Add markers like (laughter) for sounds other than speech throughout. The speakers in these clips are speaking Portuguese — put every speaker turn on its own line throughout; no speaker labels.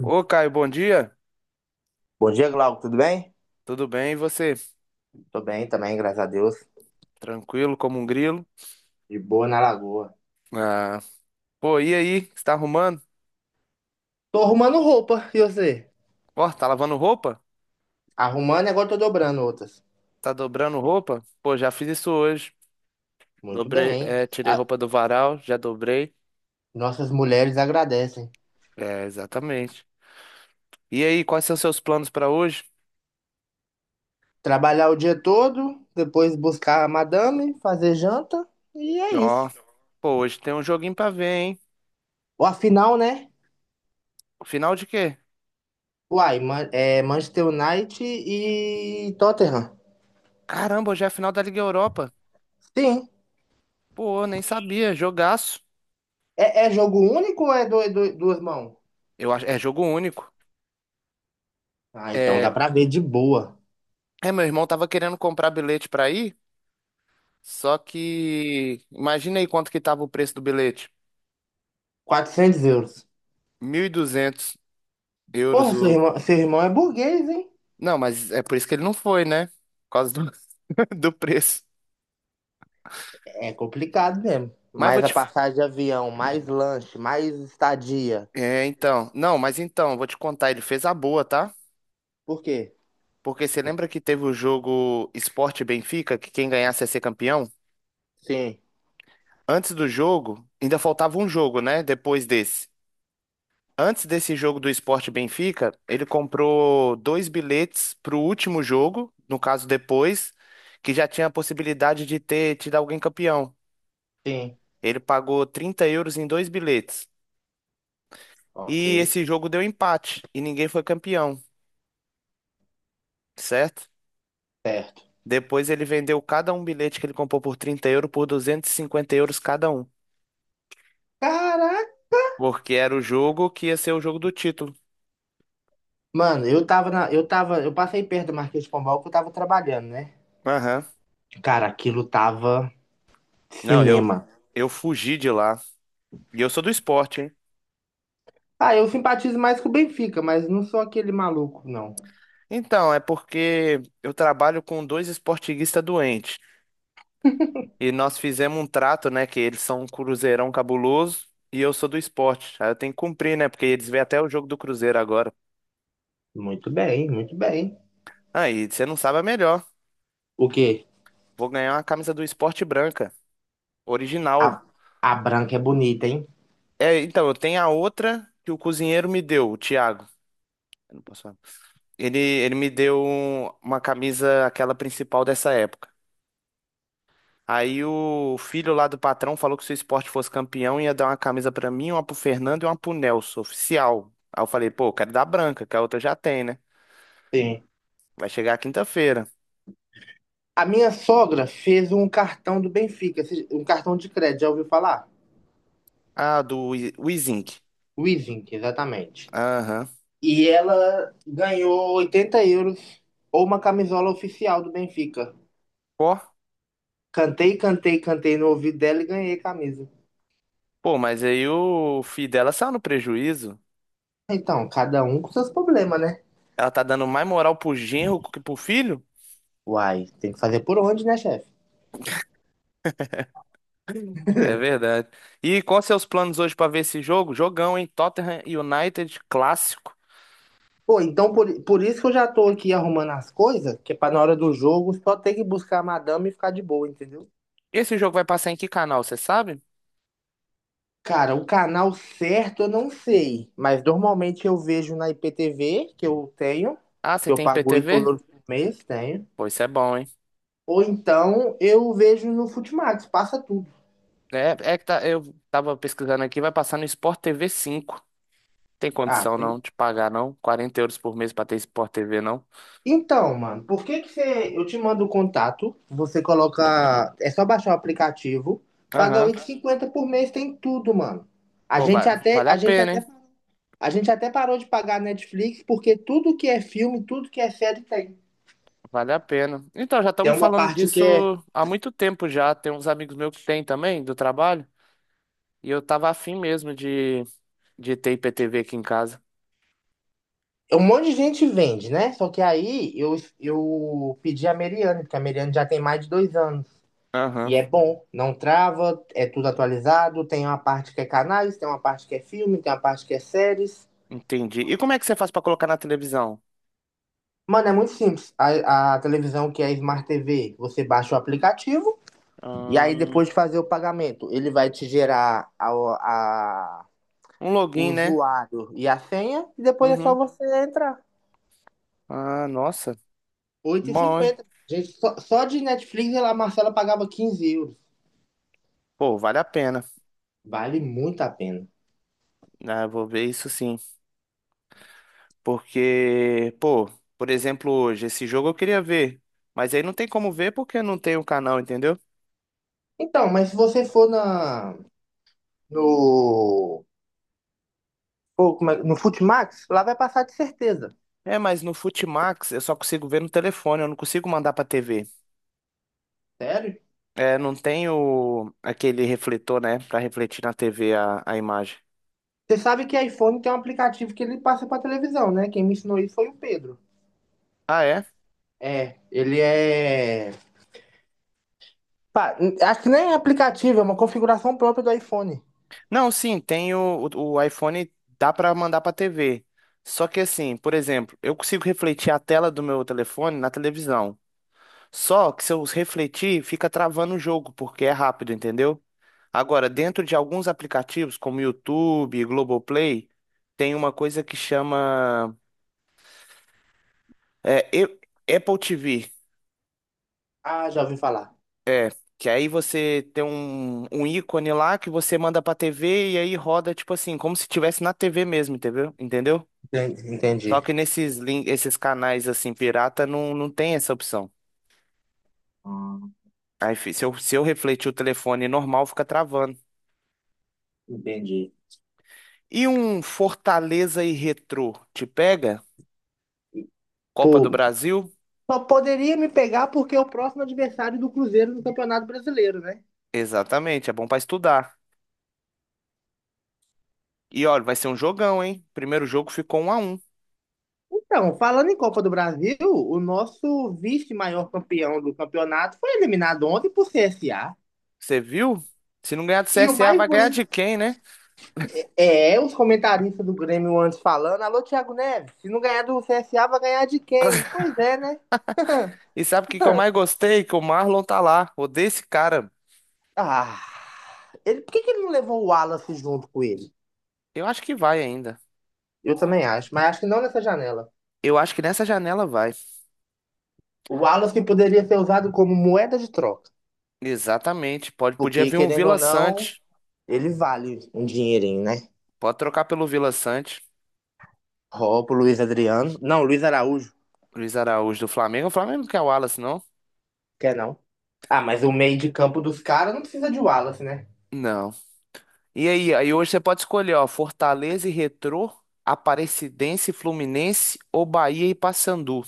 Ô, Caio, bom dia.
Bom dia, Glauco, tudo bem?
Tudo bem? E você?
Tô bem também, graças a Deus.
Tranquilo como um grilo?
De boa na lagoa.
Ah, pô, e aí? O que você tá arrumando?
Tô arrumando roupa, e você?
Ó, tá lavando roupa?
Arrumando e agora tô dobrando outras.
Tá dobrando roupa? Pô, já fiz isso hoje.
Muito
Dobrei,
bem.
é, tirei
A-
roupa do varal, já dobrei.
Nossas mulheres agradecem.
É, exatamente. E aí, quais são seus planos pra hoje?
Trabalhar o dia todo, depois buscar a madame, fazer janta, e é
Ó,
isso.
pô, hoje tem um joguinho pra ver, hein?
Ou afinal, né?
Final de quê?
Uai, é Manchester United e Tottenham.
Caramba, hoje é a final da Liga Europa.
Sim.
Pô, nem sabia. Jogaço.
É, é jogo único ou é duas mãos?
Eu acho, é jogo único.
Ah, então dá
É,
pra ver de boa.
é, meu irmão tava querendo comprar bilhete pra ir. Só que imagina aí quanto que tava o preço do bilhete.
400 euros.
Mil e duzentos euros
Porra,
o.
seu irmão é burguês, hein?
Não, mas é por isso que ele não foi, né? Por causa do, (laughs) do preço.
É complicado mesmo.
Mas vou
Mais a
te.
passagem de avião, mais lanche, mais estadia.
É, então. Não, mas então, vou te contar, ele fez a boa, tá?
Por quê?
Porque você lembra que teve o jogo Sport e Benfica, que quem ganhasse ia ser campeão?
Sim,
Antes do jogo, ainda faltava um jogo, né? Depois desse. Antes desse jogo do Sport Benfica, ele comprou dois bilhetes para o último jogo, no caso depois, que já tinha a possibilidade de ter tido alguém campeão.
sim.
Ele pagou €30 em dois bilhetes.
Ok,
E esse jogo deu empate e ninguém foi campeão, certo?
certo.
Depois ele vendeu cada um bilhete que ele comprou por €30 por €250 cada um,
Caraca!
porque era o jogo que ia ser o jogo do título.
Mano, eu tava na. Eu tava. Eu passei perto do Marquês de Pombal que eu tava trabalhando, né?
Aham.
Cara, aquilo tava
Não, eu
cinema.
eu fugi de lá. E eu sou do esporte, hein?
Ah, eu simpatizo mais com o Benfica, mas não sou aquele maluco, não.
Então, é porque eu trabalho com dois esportiguistas doentes. E nós fizemos um trato, né? Que eles são um cruzeirão cabuloso e eu sou do esporte. Aí eu tenho que cumprir, né? Porque eles vêm até o jogo do Cruzeiro agora.
Muito bem, muito bem.
Aí, você não sabe, é melhor.
O quê?
Vou ganhar uma camisa do esporte branca,
A,
original.
a branca é bonita, hein?
É, então, eu tenho a outra que o cozinheiro me deu, o Thiago. Eu não posso falar. Ele me deu uma camisa, aquela principal dessa época. Aí o filho lá do patrão falou que se o esporte fosse campeão, ia dar uma camisa pra mim, uma pro Fernando e uma pro Nelson, oficial. Aí eu falei, pô, eu quero dar branca, que a outra já tem, né?
Sim.
Vai chegar quinta-feira.
A minha sogra fez um cartão do Benfica, um cartão de crédito, já ouviu falar?
Ah, o Izink.
Wizink, exatamente.
Aham.
E ela ganhou 80 euros ou uma camisola oficial do Benfica.
Pô,
Cantei, cantei, cantei no ouvido dela e ganhei a camisa.
pô, mas aí o filho dela saiu no prejuízo.
Então, cada um com seus problemas, né?
Ela tá dando mais moral pro genro que pro filho?
Uai, tem que fazer por onde, né, chefe?
É verdade. E quais seus planos hoje pra ver esse jogo? Jogão, hein? Tottenham United, clássico.
Pô, então por isso que eu já tô aqui arrumando as coisas, que é pra na hora do jogo só ter que buscar a madame e ficar de boa, entendeu?
Esse jogo vai passar em que canal, você sabe?
Cara, o canal certo eu não sei, mas normalmente eu vejo na IPTV, que eu tenho,
Ah,
que
você
eu
tem
pago 8
IPTV?
euros por mês, tenho.
Pô, isso é bom, hein?
Ou então eu vejo no Futimax, passa tudo.
É, é que tá, eu tava pesquisando aqui, vai passar no Sport TV 5. Tem
Ah,
condição
tem.
não de pagar, não? €40 por mês pra ter Sport TV, não?
Então, mano, por que que você. Eu te mando o contato, você coloca. É só baixar o aplicativo, paga
Aham.
8,50 por mês, tem tudo, mano. A
Pô,
gente
vai,
até,
vale a
a gente
pena,
até,
hein?
a gente até parou de pagar Netflix, porque tudo que é filme, tudo que é série tem.
Vale a pena. Então, já estão
Tem
me
uma
falando
parte que
disso
é.
há muito tempo já. Tem uns amigos meus que têm também, do trabalho. E eu tava afim mesmo de ter IPTV aqui em casa.
É Um monte de gente vende, né? Só que aí eu pedi a Meriane, porque a Meriane já tem mais de 2 anos. E
Aham,
é bom, não trava, é tudo atualizado. Tem uma parte que é canais, tem uma parte que é filme, tem uma parte que é séries.
entendi. E como é que você faz pra colocar na televisão?
Mano, é muito simples. A televisão que é Smart TV, você baixa o aplicativo e aí
Ah,
depois de fazer o pagamento, ele vai te gerar a-
um
o
login, né?
usuário e a senha e depois é só
Uhum.
você entrar.
Ah, nossa.
oito e
Bom, hein?
cinquenta Gente, só de Netflix a Marcela pagava 15 euros.
Pô, vale a pena.
Vale muito a pena.
Ah, eu vou ver isso sim. Porque, pô, por exemplo, hoje, esse jogo eu queria ver. Mas aí não tem como ver porque não tem o canal, entendeu?
Então, mas se você for na, no no Futimax, lá vai passar de certeza.
É, mas no Futimax eu só consigo ver no telefone, eu não consigo mandar pra TV.
Sério?
É, não tem aquele refletor, né? Pra refletir na TV a imagem.
Você sabe que iPhone tem um aplicativo que ele passa pra televisão, né? Quem me ensinou isso foi o Pedro.
Ah, é?
É, ele é. Pá, acho que nem é aplicativo, é uma configuração própria do iPhone.
Não, sim, tem o iPhone, dá pra mandar pra TV. Só que assim, por exemplo, eu consigo refletir a tela do meu telefone na televisão. Só que se eu refletir, fica travando o jogo, porque é rápido, entendeu? Agora, dentro de alguns aplicativos, como YouTube, Globoplay, tem uma coisa que chama é, e- Apple TV.
Ah, já ouvi falar.
É, que aí você tem um, ícone lá que você manda pra TV e aí roda, tipo assim, como se tivesse na TV mesmo, entendeu? Entendeu?
Entendi.
Só
Entendi.
que nesses, esses canais, assim, pirata, não, não tem essa opção.
Ah,
Aí, se eu refletir o telefone normal, fica travando.
entendi.
E um Fortaleza e Retrô te pega? Copa do
Pô,
Brasil?
só poderia me pegar porque é o próximo adversário do Cruzeiro no Campeonato Brasileiro, né?
Exatamente, é bom pra estudar. E olha, vai ser um jogão, hein? Primeiro jogo ficou 1-1.
Então, falando em Copa do Brasil, o nosso vice-maior campeão do campeonato foi eliminado ontem por CSA.
Você viu? Se não ganhar do
E o
CSA,
mais
vai ganhar de
bonito
quem, né?
é os comentaristas do Grêmio antes falando: alô, Thiago Neves, se não ganhar do CSA, vai ganhar de quem? Pois é, né?
E sabe o que que eu mais gostei? Que o Marlon tá lá. Odeio esse cara.
Ah, ele, que ele não levou o Wallace junto com ele?
Eu acho que vai ainda.
Eu também acho, mas acho que não nessa janela.
Eu acho que nessa janela vai.
O Wallace poderia ser usado como moeda de troca,
Exatamente. Podia
porque
vir um
querendo ou
Vila
não,
Sante.
ele vale um dinheirinho, né?
Pode trocar pelo Vila Sante.
Ó, pro Luiz Adriano. Não, Luiz Araújo,
Luiz Araújo do Flamengo. O Flamengo não quer o Wallace, não?
quer não. Ah, mas o meio de campo dos caras não precisa de Wallace, né?
Não. E aí, hoje você pode escolher, ó, Fortaleza e Retrô, Aparecidense e Fluminense ou Bahia e Paysandu.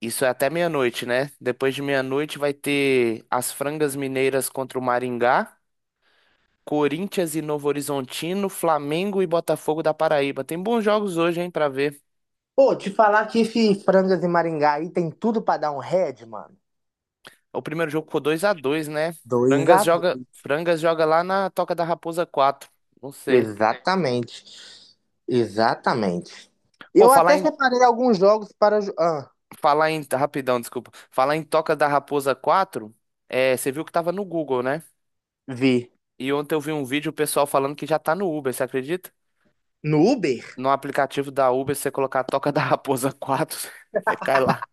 Isso é até meia-noite, né? Depois de meia-noite vai ter as Frangas Mineiras contra o Maringá, Corinthians e Novo Horizontino, Flamengo e Botafogo da Paraíba. Tem bons jogos hoje, hein, pra ver.
Pô, te falar que esse Frangas e Maringá aí tem tudo pra dar um head, mano.
O primeiro jogo ficou 2-2, né?
Dois
Frangas
a
joga,
dois.
Frangas joga lá na Toca da Raposa quatro. Não sei.
Exatamente. Exatamente.
Pô,
Eu
falar
até
em
separei alguns jogos para
Falar em. Rapidão, desculpa. Falar em Toca da Raposa quatro, você viu que tava no Google, né?
vi
E ontem eu vi um vídeo o pessoal falando que já tá no Uber, você acredita?
no Uber.
No aplicativo da Uber, se você colocar Toca da Raposa quatro (laughs) você cai lá.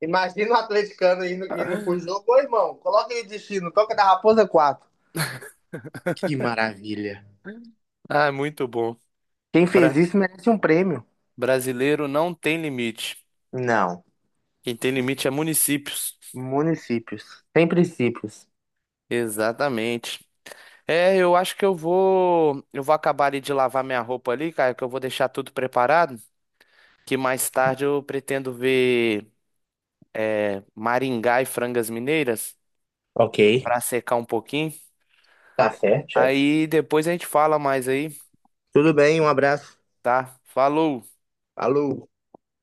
Imagina o atleticano indo, indo pro
(laughs)
jogo. Ô, irmão, coloca aí destino, toca da Raposa quatro. Que maravilha.
Ah, é muito bom.
Quem fez
Bra-
isso merece um prêmio.
brasileiro não tem limite.
Não.
Quem tem limite é municípios.
Municípios. Sem princípios.
Exatamente. É, eu acho que eu vou acabar ali de lavar minha roupa ali, cara, que eu vou deixar tudo preparado, que mais tarde eu pretendo ver Maringá e Frangas Mineiras
Ok.
para secar um pouquinho.
Tá certo, chefe.
Aí depois a gente fala mais aí,
Tudo bem, um abraço.
tá? Falou!
Alô.